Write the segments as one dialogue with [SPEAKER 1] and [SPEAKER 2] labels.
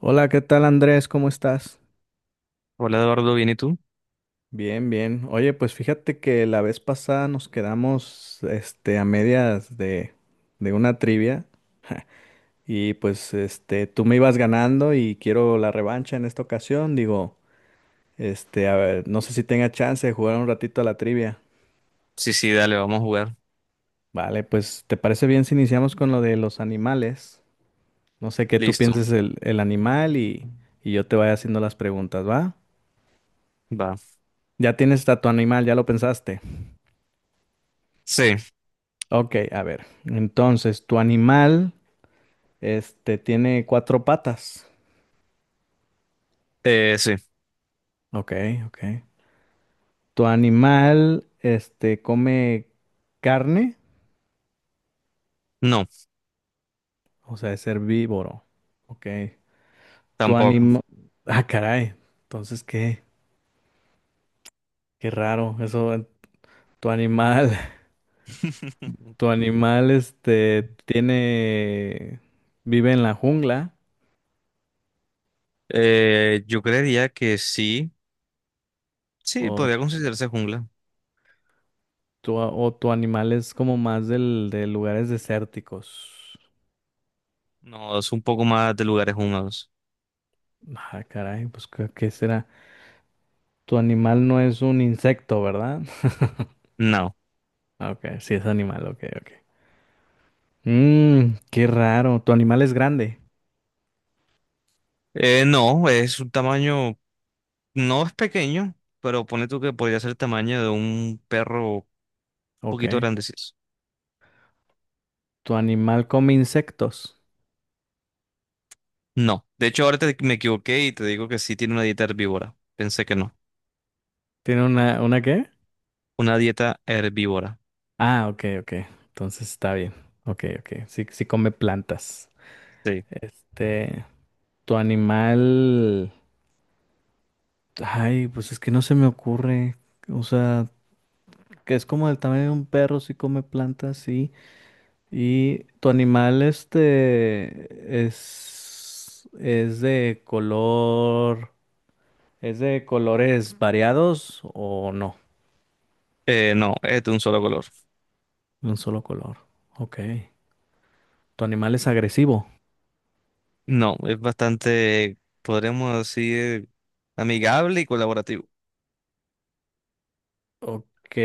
[SPEAKER 1] Hola, ¿qué tal Andrés? ¿Cómo estás?
[SPEAKER 2] Hola Eduardo, ¿bien y tú?
[SPEAKER 1] Bien, bien. Oye, pues fíjate que la vez pasada nos quedamos, a medias de una trivia. Y pues, tú me ibas ganando y quiero la revancha en esta ocasión. Digo, a ver, no sé si tenga chance de jugar un ratito a la trivia.
[SPEAKER 2] Sí, sí, dale, vamos a jugar.
[SPEAKER 1] Vale, pues, ¿te parece bien si iniciamos con lo de los animales? No sé qué tú
[SPEAKER 2] Listo,
[SPEAKER 1] pienses el animal y, yo te vaya haciendo las preguntas, ¿va?
[SPEAKER 2] va.
[SPEAKER 1] Ya tienes a tu animal, ya lo pensaste.
[SPEAKER 2] Sí,
[SPEAKER 1] Ok, a ver. Entonces, tu animal, tiene cuatro patas.
[SPEAKER 2] sí.
[SPEAKER 1] Ok, ok. Tu animal, come carne,
[SPEAKER 2] No,
[SPEAKER 1] o sea, es herbívoro. Ok. Tu
[SPEAKER 2] tampoco.
[SPEAKER 1] animal... Ah, caray. Entonces, ¿qué? Qué raro. Eso, tu animal, tu animal, tiene... vive en la jungla,
[SPEAKER 2] Yo creería que sí. Sí,
[SPEAKER 1] o
[SPEAKER 2] podría considerarse jungla.
[SPEAKER 1] o tu animal es como más de lugares desérticos.
[SPEAKER 2] No, es un poco más de lugares húmedos.
[SPEAKER 1] Ah, caray, pues ¿qué será? Tu animal no es un insecto, ¿verdad?
[SPEAKER 2] No.
[SPEAKER 1] Ah, ok, sí es animal, ok, ok. Qué raro. Tu animal es grande.
[SPEAKER 2] No, es un tamaño, no es pequeño, pero pone tú que podría ser el tamaño de un perro un
[SPEAKER 1] Ok.
[SPEAKER 2] poquito grandecito.
[SPEAKER 1] Tu animal come insectos.
[SPEAKER 2] No. De hecho, ahora me equivoqué y te digo que sí tiene una dieta herbívora. Pensé que no.
[SPEAKER 1] ¿Tiene una qué?
[SPEAKER 2] Una dieta herbívora.
[SPEAKER 1] Ah, ok, ok. Entonces está bien. Ok, ok. Sí, sí come plantas.
[SPEAKER 2] Sí.
[SPEAKER 1] Este, Tu animal. Ay, pues es que no se me ocurre. O sea, que es como el tamaño de un perro, sí come plantas, sí. ¿Y tu animal es es de colores variados o no?
[SPEAKER 2] No, es de un solo color.
[SPEAKER 1] Un solo color. Ok. ¿Tu animal es agresivo?
[SPEAKER 2] No, es bastante, podríamos decir, amigable y colaborativo.
[SPEAKER 1] Ok.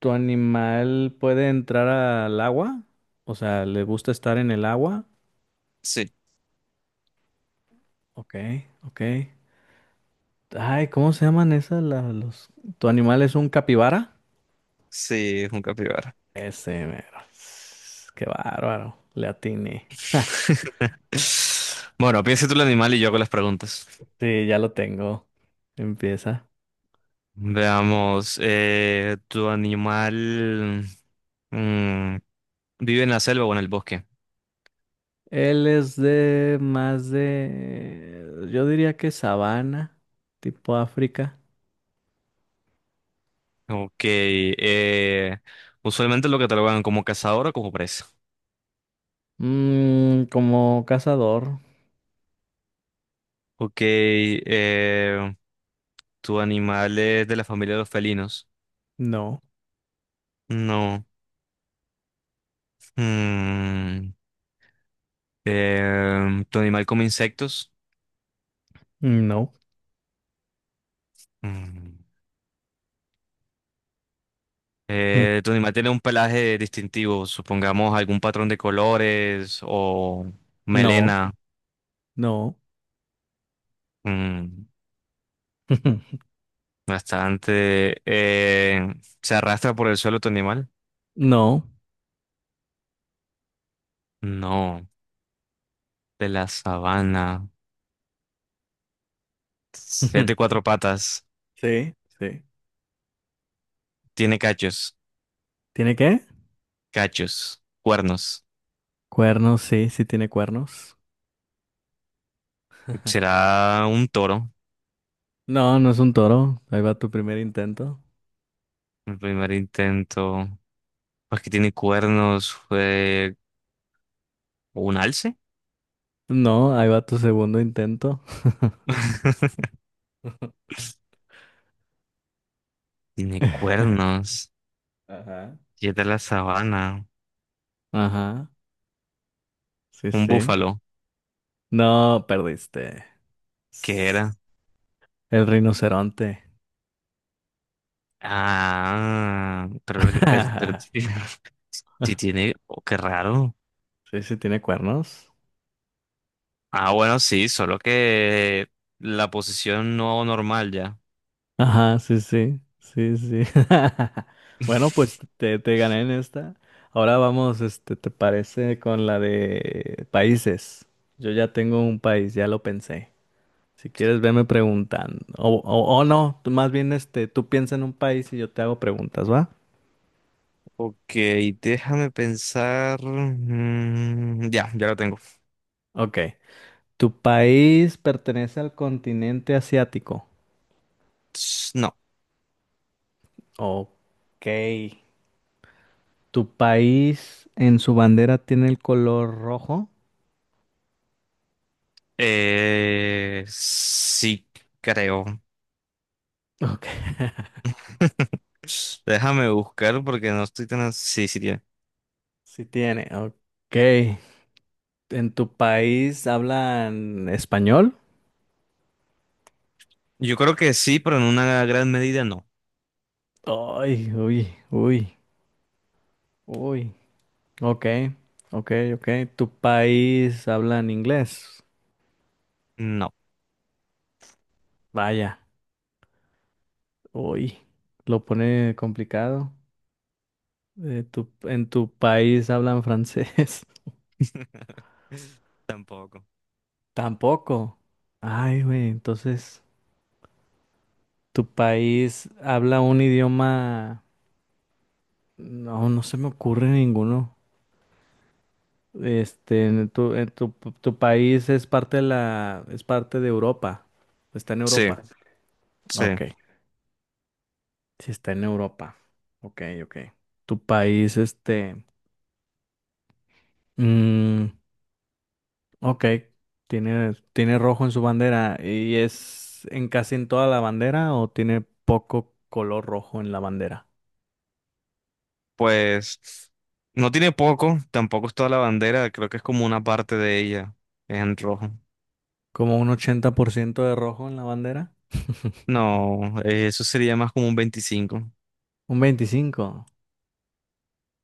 [SPEAKER 1] ¿Tu animal puede entrar al agua? O sea, ¿le gusta estar en el agua?
[SPEAKER 2] Sí,
[SPEAKER 1] Ok, ok. Ay, ¿cómo se llaman esas? Los... ¿Tu animal es un capibara?
[SPEAKER 2] sí, es un capibara.
[SPEAKER 1] Ese, mero. Qué bárbaro. Le atiné.
[SPEAKER 2] Bueno, piensa tú el animal y yo hago las preguntas.
[SPEAKER 1] Sí, ya lo tengo. Empieza.
[SPEAKER 2] Veamos, ¿tu animal mm, vive en la selva o en el bosque?
[SPEAKER 1] Él es de más de, yo diría que sabana, tipo África.
[SPEAKER 2] Ok, usualmente lo catalogan como cazador o como presa.
[SPEAKER 1] Como cazador.
[SPEAKER 2] Ok, ¿tu animal es de la familia de los felinos?
[SPEAKER 1] No,
[SPEAKER 2] No. Mm, ¿Tu animal come insectos?
[SPEAKER 1] no,
[SPEAKER 2] Mm. ¿Tu animal tiene un pelaje distintivo? Supongamos algún patrón de colores o
[SPEAKER 1] no,
[SPEAKER 2] melena.
[SPEAKER 1] no,
[SPEAKER 2] Mm, Bastante. ¿Se arrastra por el suelo tu animal?
[SPEAKER 1] no.
[SPEAKER 2] No. De la sabana. Es de cuatro patas.
[SPEAKER 1] Sí, sí.
[SPEAKER 2] Tiene cachos.
[SPEAKER 1] ¿Tiene qué?
[SPEAKER 2] Cachos. Cuernos.
[SPEAKER 1] Cuernos, sí, sí tiene cuernos.
[SPEAKER 2] ¿Será un toro?
[SPEAKER 1] No, no es un toro. Ahí va tu primer intento.
[SPEAKER 2] El primer intento. Pues que tiene cuernos, fue un alce.
[SPEAKER 1] No, ahí va tu segundo intento.
[SPEAKER 2] Tiene cuernos.
[SPEAKER 1] Ajá.
[SPEAKER 2] Y es de la sabana.
[SPEAKER 1] Ajá, sí,
[SPEAKER 2] Un
[SPEAKER 1] sí.
[SPEAKER 2] búfalo.
[SPEAKER 1] No, perdiste.
[SPEAKER 2] ¿Qué era?
[SPEAKER 1] S- El rinoceronte.
[SPEAKER 2] Ah, pero es, pero sí sí tiene. Oh, qué raro.
[SPEAKER 1] Sí, sí, tiene cuernos.
[SPEAKER 2] Ah, bueno, sí, solo que la posición no normal ya.
[SPEAKER 1] Ajá, sí, sí, sí, sí. Bueno, pues te gané en esta. Ahora vamos, ¿te parece con la de países? Yo ya tengo un país, ya lo pensé. Si quieres, veme preguntando. O no, tú más bien, tú piensa en un país y yo te hago preguntas, ¿va?
[SPEAKER 2] Ok, déjame pensar. Ya, ya lo tengo.
[SPEAKER 1] Ok. ¿Tu país pertenece al continente asiático?
[SPEAKER 2] No.
[SPEAKER 1] Ok. ¿Tu país en su bandera tiene el color rojo?
[SPEAKER 2] Sí, creo.
[SPEAKER 1] Ok.
[SPEAKER 2] Déjame buscar porque no estoy tan... Sí, sí, tiene.
[SPEAKER 1] Sí tiene. Ok. ¿En tu país hablan español?
[SPEAKER 2] Yo creo que sí, pero en una gran medida no.
[SPEAKER 1] Ay, uy, uy, uy. Ok. Ok, ok. ¿Tu país hablan inglés?
[SPEAKER 2] No.
[SPEAKER 1] Vaya. Uy. Lo pone complicado. ¿En tu país hablan francés?
[SPEAKER 2] Tampoco.
[SPEAKER 1] Tampoco. Ay, güey. Entonces. ¿Tu país habla un idioma? No, no se me ocurre ninguno. Este, en tu, en tu, tu país es parte de Europa. Está en
[SPEAKER 2] Sí,
[SPEAKER 1] Europa.
[SPEAKER 2] sí.
[SPEAKER 1] Ok, sí está en Europa. Ok, ok. Tu país, mm, ok, tiene rojo en su bandera y es en casi en toda la bandera o tiene poco color rojo en la bandera.
[SPEAKER 2] Pues no tiene poco, tampoco es toda la bandera, creo que es como una parte de ella en rojo.
[SPEAKER 1] Como un 80% de rojo en la bandera.
[SPEAKER 2] No, eso sería más como un 25.
[SPEAKER 1] Un 25.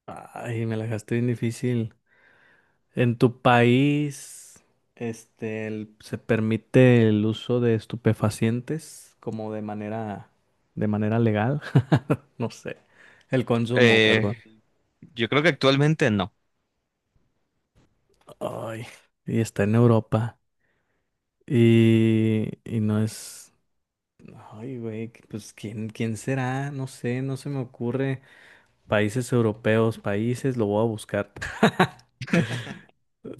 [SPEAKER 1] Ay, me la dejaste bien difícil. ¿En tu país, se permite el uso de estupefacientes como de manera legal? No sé. El consumo,
[SPEAKER 2] Eh,
[SPEAKER 1] perdón.
[SPEAKER 2] yo creo que actualmente no.
[SPEAKER 1] Ay, y está en Europa. Y, no es. Ay, güey, pues ¿quién será? No sé, no se me ocurre. Países europeos, países, lo voy a buscar.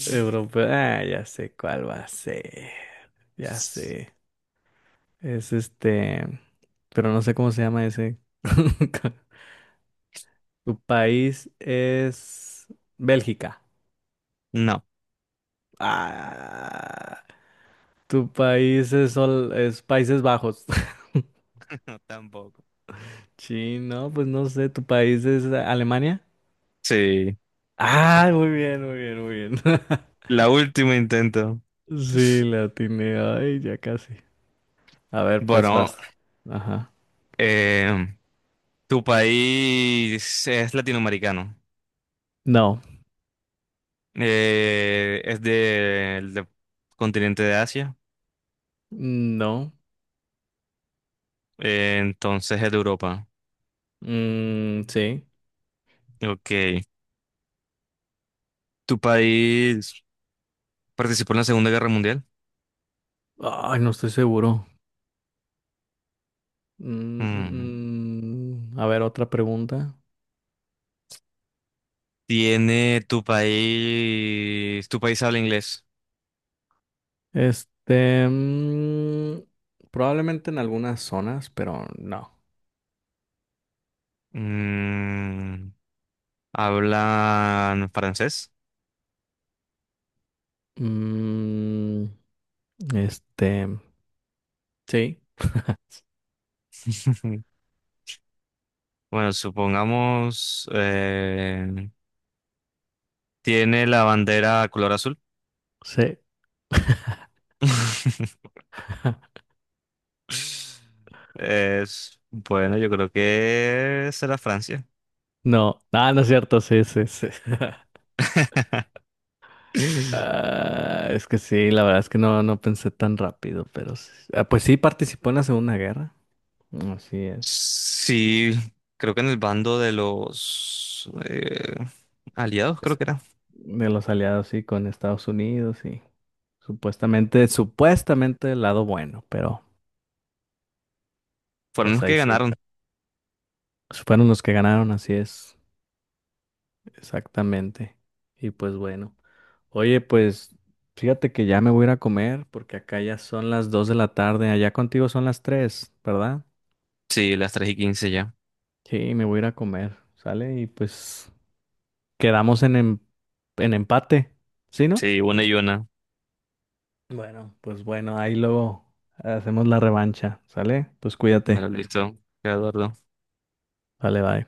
[SPEAKER 1] Europeo, ah, ya sé cuál va a ser. Ya sé. Es este, pero no sé cómo se llama ese. Tu país es Bélgica.
[SPEAKER 2] No,
[SPEAKER 1] Ah, tu país es Países Bajos.
[SPEAKER 2] tampoco.
[SPEAKER 1] Sí, no, pues no sé, tu país es Alemania.
[SPEAKER 2] Sí,
[SPEAKER 1] Ah, muy bien, muy bien, muy bien.
[SPEAKER 2] la última intento.
[SPEAKER 1] Sí, la atiné. Ay, ya casi. A ver, pues
[SPEAKER 2] Bueno,
[SPEAKER 1] vas. Ajá.
[SPEAKER 2] Eh, tu país es latinoamericano.
[SPEAKER 1] No,
[SPEAKER 2] Es del continente de Asia.
[SPEAKER 1] no.
[SPEAKER 2] Entonces es de Europa.
[SPEAKER 1] Sí.
[SPEAKER 2] Ok. ¿Tu país participó en la Segunda Guerra Mundial?
[SPEAKER 1] Ay, no estoy seguro. Mm,
[SPEAKER 2] Mm.
[SPEAKER 1] mm, mm. A ver, otra pregunta.
[SPEAKER 2] ¿Tu país habla inglés?
[SPEAKER 1] Este, mm, Probablemente en algunas zonas, pero no.
[SPEAKER 2] Mm, ¿Hablan francés?
[SPEAKER 1] Mm, este, sí,
[SPEAKER 2] Bueno, supongamos... ¿Tiene la bandera color azul?
[SPEAKER 1] sí.
[SPEAKER 2] Es, bueno, yo creo que será Francia.
[SPEAKER 1] No, ah, no es cierto, sí, sí, sí. Ah, es que sí, la verdad es que no, no pensé tan rápido, pero sí. Ah, pues sí participó en la Segunda Guerra. Así es.
[SPEAKER 2] Sí, creo que en el bando de los aliados, creo
[SPEAKER 1] Es-
[SPEAKER 2] que era.
[SPEAKER 1] De los aliados, sí, con Estados Unidos, sí. Supuestamente el lado bueno, pero
[SPEAKER 2] Fueron
[SPEAKER 1] pues
[SPEAKER 2] los
[SPEAKER 1] ahí
[SPEAKER 2] que
[SPEAKER 1] sí.
[SPEAKER 2] ganaron.
[SPEAKER 1] Pues, fueron los que ganaron, así es. Exactamente. Y pues bueno. Oye, pues fíjate que ya me voy a ir a comer porque acá ya son las 2 de la tarde. Allá contigo son las 3, ¿verdad?
[SPEAKER 2] Sí, las 3:15 ya.
[SPEAKER 1] Sí, me voy a ir a comer, ¿sale? Y pues quedamos en empate, ¿sí, no?
[SPEAKER 2] Sí, 1-1.
[SPEAKER 1] Bueno, pues bueno, ahí luego hacemos la revancha, ¿sale? Pues
[SPEAKER 2] Bueno,
[SPEAKER 1] cuídate.
[SPEAKER 2] listo. Eduardo.
[SPEAKER 1] Vale, bye.